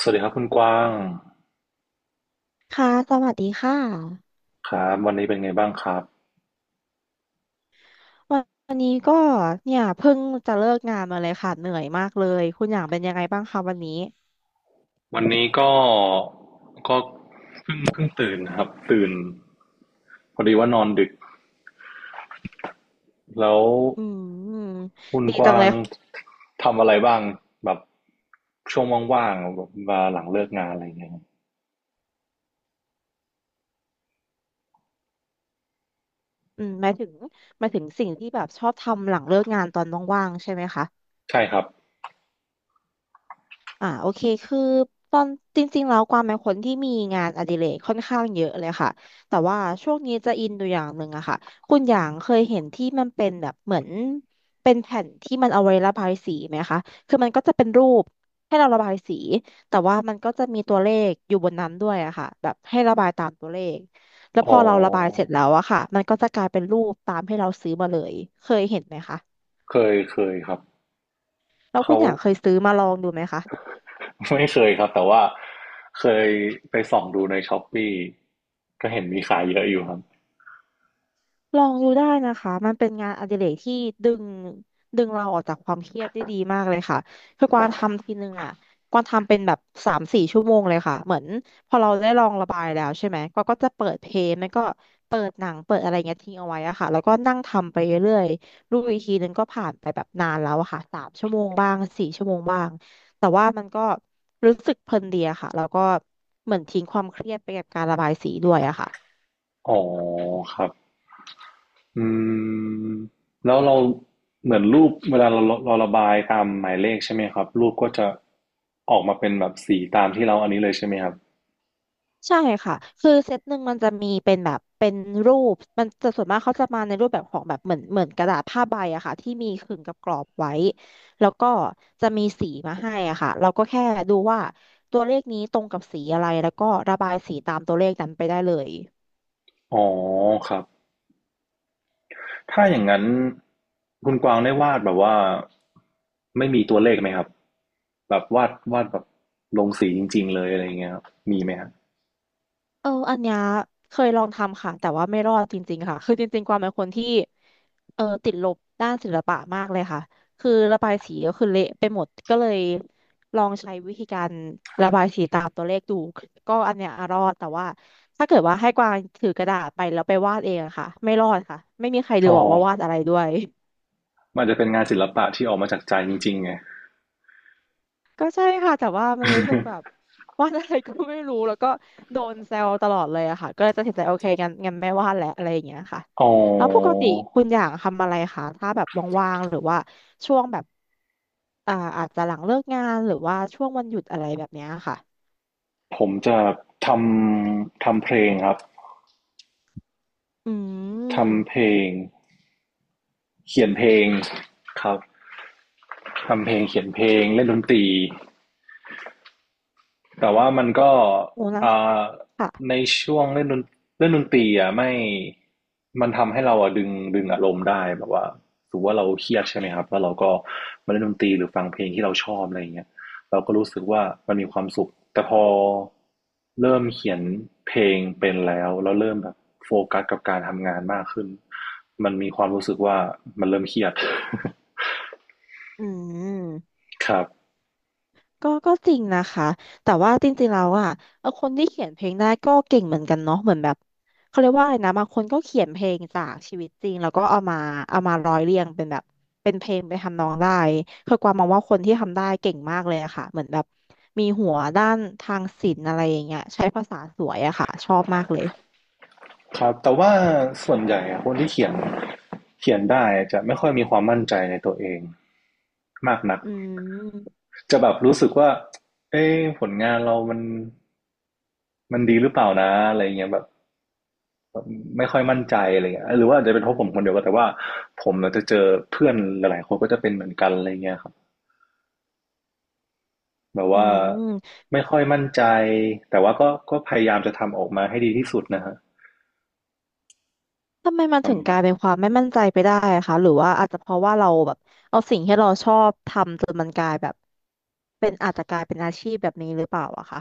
สวัสดีครับคุณกว้างค่ะ สวัสดีค่ะครับวันนี้เป็นไงบ้างครับวันวันนี้ก็เนี่ยเพิ่งจะเลิกงานมาเลยค่ะเหนื่อยมากเลยคุณอย่างเป็นยังไงบ้างคะวันนี้วันนี้ก็ก็เพิ่งตื่นนะครับตื่นพอดีว่านอนดึกแล้วอืมคุณดีกจังว้าเลงยทำอะไรบ้างแบบช่วงว่างๆแบบมาหลังเลิกงานอะไรอย่างเงี้ยครับอืมหมายถึงหมายถึงสิ่งที่แบบชอบทำหลังเลิกงานตอนว่างๆใช่ไหมคะ ใช่ครับโอเคคือตอนจริงๆแล้วกวางเป็นคนที่มีงานอดิเรกค่อนข้างเยอะเลยค่ะแต่ว่าช่วงนี้จะอินอยูอย่างหนึ่งอะค่ะคุณอย่างเคยเห็นที่มันเป็นแบบเหมือนเป็นแผ่นที่มันเอาไว้ระบายสีไหมคะคือมันก็จะเป็นรูปให้เราระบายสีแต่ว่ามันก็จะมีตัวเลขอยู่บนนั้นด้วยอะค่ะแบบให้ระบายตามตัวเลขแล้วอ๋พอเราระบายเสร็จอแล้วอะค่ะมันก็จะกลายเป็นรูปตามให้เราซื้อมาเลยเคยเห็นไหมคะเคยครับแล้วเขาคุณอย่างเคยซื้อมาลองดูไหมคะ ไม่เคยครับแต่ว่าเคยไปส่องดูในช้อปปี้ก็เห็นมีขายเยอะอยู่ครับลองดูได้นะคะ มันเป็นงานอดิเรกที่ดึงดึงเราออกจากความเครียดได้ดีมากเลยค่ะคือกวางทำทีนึงอ่ะกวางทำเป็นแบบสามสี่ชั่วโมงเลยค่ะ เหมือนพอเราได้ลองระบายแล้วใช่ไหมกวางก็จะเปิดเพลงแล้วก็เปิดหนังเปิดอะไรเงี้ยทิ้งเอาไว้อะค่ะแล้วก็นั่งทำไปเรื่อยๆรู้อีกทีนึงก็ผ่านไปแบบนานแล้วอะค่ะสามชั่วโมงบ้างสี่ชั่วโมงบ้างแต่ว่ามันก็รู้สึกเพลินดีอะค่ะแล้วก็เหมือนทิ้งความเครียดไปกับการระบายสีด้วยอะค่ะ อ๋อครับ อืมแล้วเราเหมือนรูปเวลาเราระบายตามหมายเลขใช่ไหมครับรูปก็จะออกมาเป็นแบบสีตามที่เราอันนี้เลยใช่ไหมครับใช่ค่ะ คือเซตหนึ่งมันจะมีเป็นแบบเป็นรูปมันจะส่วนมากเขาจะมาในรูปแบบของแบบเหมือนกระดาษผ้าใบอะค่ะที่มีขึงกับกรอบไว้ แล้วก็จะมีสีมาให้อะค่ะเราก็แค่ดูว่าตัวเลขนี้ตรงกับสีอะไรแล้วก็ระบายสีตามตัวเลขนั้นไปได้เลย อ๋อครับถ้าอย่างนั้นคุณกวางได้วาดแบบว่าไม่มีตัวเลขไหมครับแบบวาดแบบลงสีจริงๆเลยอะไรอย่างเงี้ยครับมีไหมครับอันเนี้ยเคยลองทำค่ะแต่ว่าไม่รอดจริงๆค่ะคือจริงๆความเป็นคนที่ติดลบด้านศิลปะมากเลยค่ะคือระบายสีก็คือเละไปหมดก็เลยลองใช้วิธีการ ตัวเลขดูก็อันเนี้ยอ่ะรอดแต่ว่าถ้าเกิดว่าให้กวางถือกระดาษไปแล้วไปวาดเองอะค่ะไม่รอดค่ะไม่มีใครดูอ๋อออกว่าวาดอะไรด้วย มันจะเป็นงานศิลปะที่ออกมาจากใจจริงๆไง ก็ใช่ค่ะแต่ว่ามันรู้สึกแบบ วาดอะไรก็ไม่รู้แล้วก็โดนแซวตลอดเลยอะค่ะก็เลยตัดสินใจโอเคงั้นไม่วาดแล้วอะไรอย่างเงี้ยค่ะอ๋อแล้วปกติคุณอย่างทำอะไรคะถ้าแบบว่างๆหรือว่าช่วงแบบอาจจะหลังเลิกงานหรือว่าช่วงวันหยุดอะไรแบบเนี้ยค่ะผมจะททำเพลงครับอืทำเพมลง เขียนเพลงครับทำเพลงเขียนเพลงเล่นดนตรีแต่ว่ามันก็โอ้นะอ่าค่ะในช่วงเล่นดนตรีอ่ะไม่มันทำให้เราอ่ะดึงอารมณ์ได้แบบว่าถือว่าเราเครียดใช่ไหมครับแล้วเราก็มาเล่นดนตรีหรือฟังเพลงที่เราชอบอะไรอย่างเงี้ยเราก็รู้สึกว่ามันมีความสุขแต่พอเริ่มเขียนเพลงเป็นแล้วแล้วเริ่มแบบโฟกัสกับการทำงานมากขึ้นมันมีความรู้สึกว่ามันเริ่มเครียด อืม ครับ ก็ก็จริงนะคะ แต่ว่าจริงๆแล้วอ่ะคนที่เขียนเพลงได้ก็เก่งเหมือนกันเนาะเหมือนแบบเขาเรียกว่าอะไรนะบางคนก็เขียนเพลงจากชีวิตจริงแล้วก็เอามาร้อยเรียงเป็นแบบเป็นเพลงไปนทำนองได้คือกวางมองว่าคนที่ทำได้เก่งมากเลยอะค่ะเหมือนแบบมีหัวด้านทางศิลป์อะไรอย่างเงี้ยใช้ภาษาสวยอะค่ะชอบมากเลย ครับแต่ว่าส่วนใหญ่อะคนที่เขียนเขียนได้จะไม่ค่อยมีความมั่นใจในตัวเองมากนักอืม จะแบบรู้สึกว่าเอ้ผลงานเรามันมันดีหรือเปล่านะอะไรเงี้ยแบบไม่ค่อยมั่นใจอะไรเงี้ยหรือว่าอาจจะเป็นเพราะผมคนเดียวก็แต่ว่าผมเราจะเจอเพื่อนหลายๆคนก็จะเป็นเหมือนกันอะไรเงี้ยครับแบบอืว่าม ไม่ค่อยมั่นใจแต่ว่าก็ก็พยายามจะทำออกมาให้ดีที่สุดนะฮะทำไมมันประถึงกมาลาณ ยเป็นความไม่มั่นใจไปได้อะคะ หรือว่าอาจจะเพราะว่าเราแบบเอาสิ่งที่เราชอบทำจนมันกลายแบบ เป็นอาจจะกลายเป็นอาชีพแบบนี้หรือเปล่าอะคะ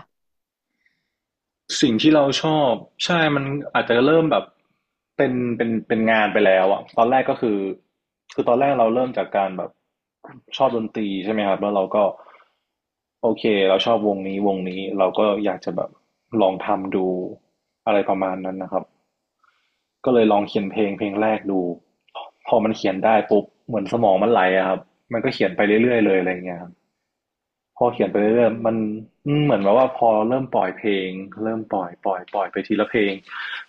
สิ่งที่เราชอบใช่มันอาจจะเริ่มแบบเป็นงานไปแล้วอะตอนแรกก็คือคือตอนแรกเราเริ่มจากการแบบชอบดนตรีใช่ไหมครับแล้วเราก็โอเคเราชอบวงนี้เราก็อยากจะแบบลองทำดูอะไรประมาณนั้นนะครับก็เลยลองเขียนเพลงเพลงแรกดูพอมันเขียนได้ปุ๊บเหมือนสมองมันไหลอะครับมันก็เขียนไปเรื่อยๆเลยอะไรเงี้ยครับ พออืเขียนไปเรื่อยๆมันม เหมือนแบบว่าพอเริ่มปล่อยเพลงเริ่มปล่อยไปทีละเพลง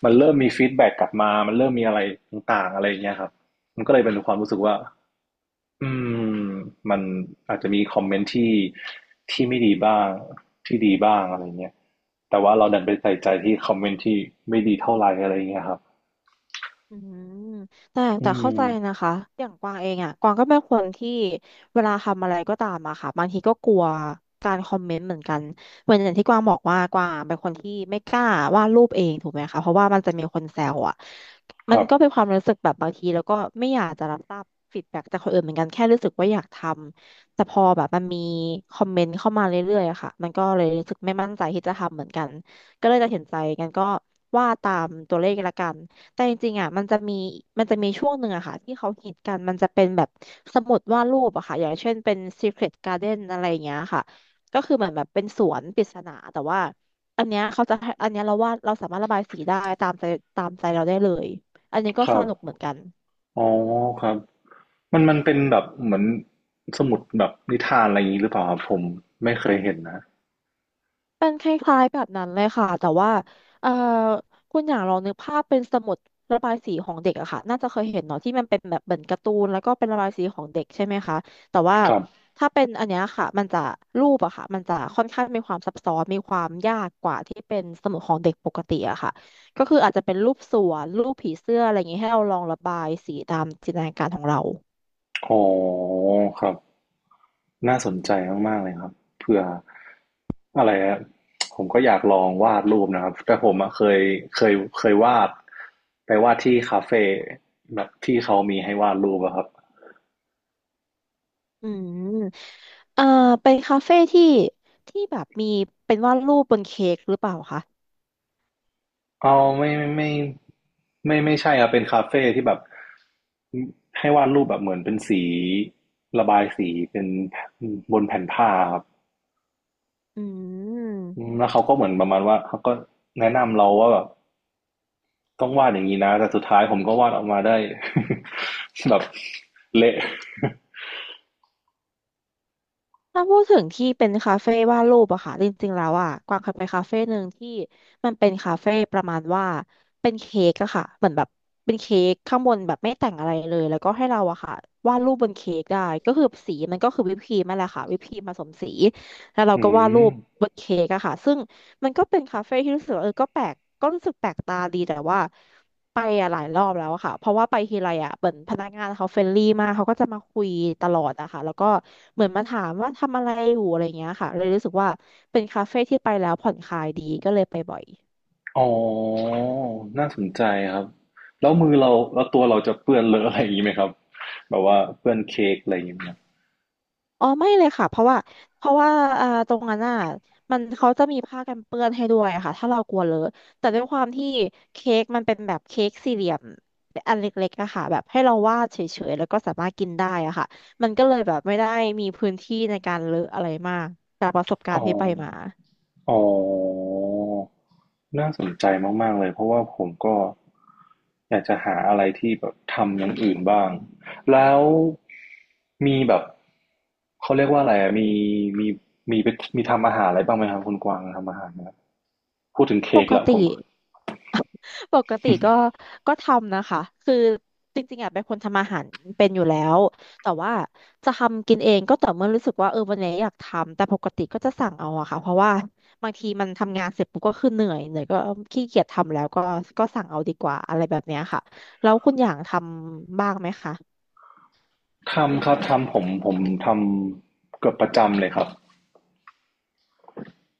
มันเริ่มมีฟีดแบ็กกลับมามันเริ่มมีอะไรต่างๆอะไรอย่างเงี้ยครับมันก็เลยเป็นความรู้สึกว่าอืมมันอาจจะมีคอมเมนต์ที่ไม่ดีบ้างที่ดีบ้างอะไรเงี้ยแต่ว่าเราดันไปใส่ใจที่คอมเมนต์ที่ไม่ดีเท่าไหร่อะไรเงี้ยครับอืมแต่อืแต่เข้าใจนะมคะอย่างกวางเองอ่ะกวางก็เป็นคนที่เวลาทำอะไรก็ตามอะค่ะบางทีก็กลัวการคอมเมนต์เหมือนกันเหมือนอย่างที่กวางบอกว่ากวางเป็นคนที่ไม่กล้าวาดรูปเองถูกไหมคะเพราะว่ามันจะมีคนแซวอ่ะคมันรับก็เป็นความรู้สึกแบบบางทีแล้วก็ไม่อยากจะรับทราบฟีดแบ็กจากคนอื่นเหมือนกันแค่รู้สึกว่าอยากทำแต่พอแบบมันมีคอมเมนต์เข้ามาเรื่อยๆอะค่ะมันก็เลยรู้สึกไม่มั่นใจที่จะทำเหมือนกันก็เลยตัดสินใจกันก็ว่าตามตัวเลขละกัน แต่จริงๆอ่ะมันจะมีช่วงหนึ่งอะค่ะที่เขาฮิตกันมันจะเป็นแบบสมุดวาดรูปอะค่ะอย่างเช่นเป็น Secret Garden อะไรอย่างเงี้ยค่ะก็คือเหมือนแบบเป็นสวนปริศนาแต่ว่าอันเนี้ยเขาจะให้อันเนี้ยเราวาดเราสามารถระบายสีได้ตามใจตามใจเราได้เลยอันนี้ก็คสรับ นุกเหมือนกัน อ๋อครับมันเป็นแบบเหมือนสมุดแบบนิทานอะไรอย่างนี้หรือเปล่าครับผมไม่เคยเห็นนะเป็นคล้ายๆแบบนั้นเลยค่ะแต่ว่าเอ่อคุณอย่างลองนึกภาพเป็นสมุดระบายสีของเด็กอะค่ะน่าจะเคยเห็นเนาะที่มันเป็นแบบเหมือนการ์ตูนแล้วก็เป็นระบายสีของเด็กใช่ไหมคะแต่ว่าครับถ้าเป็นอันเนี้ยค่ะมันจะรูปอะค่ะมันจะค่อนข้างมีความซับซ้อนมีความยากกว่าที่เป็นสมุดของเด็กปกติอะค่ะก็คืออาจจะเป็นรูปสวนรูปผีเสื้ออะไรอย่างงี้ให้เราลองระบายสีตามจินตนาการของเราอ๋อครับน่าสนใจมากๆเลยครับเผื่ออะไรอะผมก็อยากลองวาดรูปนะครับแต่ผมอะเคยวาดไปวาดที่คาเฟ่แบบที่เขามีให้วาดรูปอะครับ อืมเอ่อเป็นคาเฟ่ที่ที่แบบมีเป็นวาดรูปบนเค้กหรือเปล่าคะ เอไม่ไม่ไม่ไม่ไม่ใช่ครับเป็นคาเฟ่ที่แบบให้วาดรูปแบบเหมือนเป็นสีระบายสีเป็นบนแผ่นผ้าครับอือืมมแล้วเขาก็เหมือนประมาณว่าเขาก็แนะนำเราว่าแบบต้องวาดอย่างนี้นะแต่สุดท้ายผมก็วาดออกมาได้ แบบเละถ้าพูดถึงที่เป็นคาเฟ่วาดรูปอะค่ะจริงๆแล้วอะกวางเคยไปคาเฟ่หนึ่งที่มันเป็นคาเฟ่ประมาณว่าเป็นเค้กอะค่ะเหมือนแบบเป็นเค้กข้างบนแบบไม่แต่งอะไรเลยแล้วก็ให้เราอะค่ะวาดรูปบนเค้กได้ก็คือสีมันก็คือวิปครีมนั่นแหละค่ะวิปครีมผสมสีแล้วเราอืก็วาดมรูปบนเค้กอะค่ะซึ่งมันก็เป็นคาเฟ่ที่รู้สึกว่าเออก็แปลกก็รู้สึกแปลกตาดีแต่ว่า ไปอะหลายรอบแล้วอะค่ะเพราะว่าไปทีไรอะเหมือนพนักงานเขาเฟรนลี่มากเขาก็จะมาคุยตลอดอะค่ะแล้วก็เหมือนมาถามว่าทำอะไรอยู่อะไรเงี้ยค่ะเลยรู้สึกว่าเป็นคาเฟ่ที่ไปแล้วผ่อนคลายดีก็เลยไปบ่อย อ๋อน่าสนใจครับแล้วมือเราแล้วตัวเราจะเปื้อนเลอะอะไรอย่างนี้ไหมครับแบบว่าเปื้อนเค้กอะไรอย่างเงี้ยไหมครับอ๋อไม่เลยค่ะเพราะว่าเพราะว่าตรงนั้นอ่ะมันเขาจะมีผ้ากันเปื้อนให้ด้วยค่ะถ้าเรากลัวเลอะแต่ด้วยความที่เค้กมันเป็นแบบเค้กสี่เหลี่ยมอันเล็กๆอะค่ะแบบให้เราวาดเฉยๆแล้วก็สามารถกินได้อะค่ะมันก็เลยแบบไม่ได้มีพื้นที่ในการเลอะอะไรมากจากประสบกาอ๋อรณ์ที่ไปมาอ๋อ น่าสนใจมากๆเลยเพราะว่าผมก็อยากจะหาอะไรที่แบบทำอย่างอื่นบ้างแล้วมีแบบเขาเรียกว่าอะไรอะมีมีมีไปมีทำอาหารอะไรบ้างไหมครับคุณกวางทำอาหารนะครับพูดถึงเค้ปกละกผติ มปกติก็ก็ทำนะคะคือจริงๆอ่ะเป็นคนทำอาหารเป็นอยู่แล้วแต่ว่าจะทำกินเองก็ต่อเมื่อรู้สึกว่าเออวันนี้อยากทำแต่ปกติก็จะสั่งเอาอะค่ะเพราะว่าบางทีมันทำงานเสร็จปุ๊บก็คือเหนื่อยก็ขี้เกียจทำแล้วก็สั่งเอาดีกว่าอะไรแบบเนี้ยค่ะแล้วคุณอย่างทำบ้างไหมคะทำครับทำผมทำเกือบประจำเลยครับ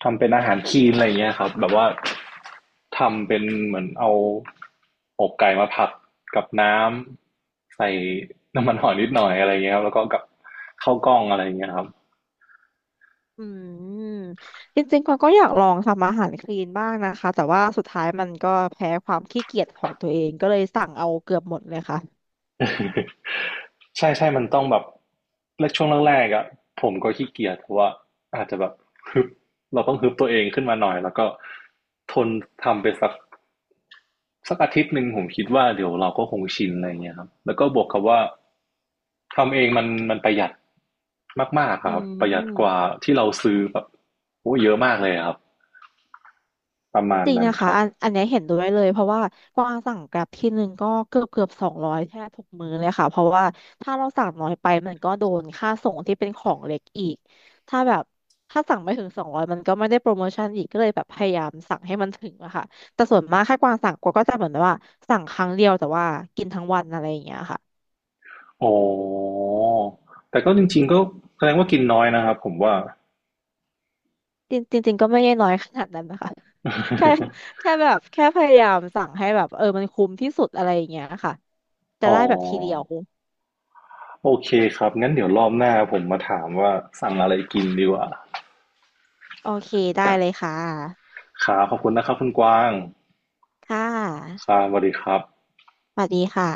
ทำเป็นอาหารคลีนอะไรอย่างเงี้ยครับแบบว่าทำเป็นเหมือนเอาอกไก่มาผัดกับน้ำใส่น้ำมันหอยนิดหน่อยอะไรเงี้ยครับแล้วก็กับข้าวกล้องอะไรเงี้ยครับ อืมจริงๆกวางก็อยากลองทำอาหารคลีนบ้างนะคะแต่ว่าสุดท้ายมันก็แพ้ความขี้เกียจของตัวเองก็เลยสั่งเอาเกือบหมดเลยค่ะ ใช่ใช่มันต้องแบบแรกช่วงแรกๆอ่ะผมก็ขี้เกียจเพราะว่าอาจจะแบบฮึบเราต้องฮึบตัวเองขึ้นมาหน่อยแล้วก็ทนทำไปสัก สักอาทิตย์หนึ่งผมคิดว่าเดี๋ยวเราก็คงชินอะไรเงี้ยครับแล้วก็บวกกับว่าทำเองมันประหยัดมากๆคอืรับประหยัดกว่าม ที่เราซื้อแบบโอ้เยอะมากเลยครับประมาณจริงนั้นนะคคะรับอันเนี้ยเห็นด้วยเลยเพราะว่ากวางสั่งแกร็บที่หนึ่งก็เกือบสองร้อยแทบทุกมื้อเลยค่ะเพราะว่าถ้าเราสั่งน้อยไปมันก็โดนค่าส่งที่เป็นของเล็กอีกถ้าแบบถ้าสั่งไม่ถึงสองร้อยมันก็ไม่ได้โปรโมชั่นอีกก็เลยแบบพยายามสั่งให้มันถึงอะค่ะแต่ส่วนมากถ้ากวางสั่งกวางก็จะเหมือนว่าสั่งครั้งเดียวแต่ว่ากินทั้งวันอะไรอย่างเงี้ยค่ะอ๋อแต่ก็จริงๆก็แสดงว่ากินน้อยนะครับผมว่า จริงจริงๆก็ไม่ได้น้อยขนาดนั้นนะคะ แค่ แค่แบบแค่พยายามสั่งให้แบบเออมันคุ้มที่สุดอะไรอย่างเงี้ยค่ะจะอ๋อได้แบบทีเดียว โอเคครับงั้นเดี๋ยวรอบหน้าผมมาถามว่าสั่งอะไรกินดีกว่าโอเคได้เลยค่ะ ครับขอบคุณนะครับคุณกวางค่คะรับสวัสดีครับสวัสดีค่ะ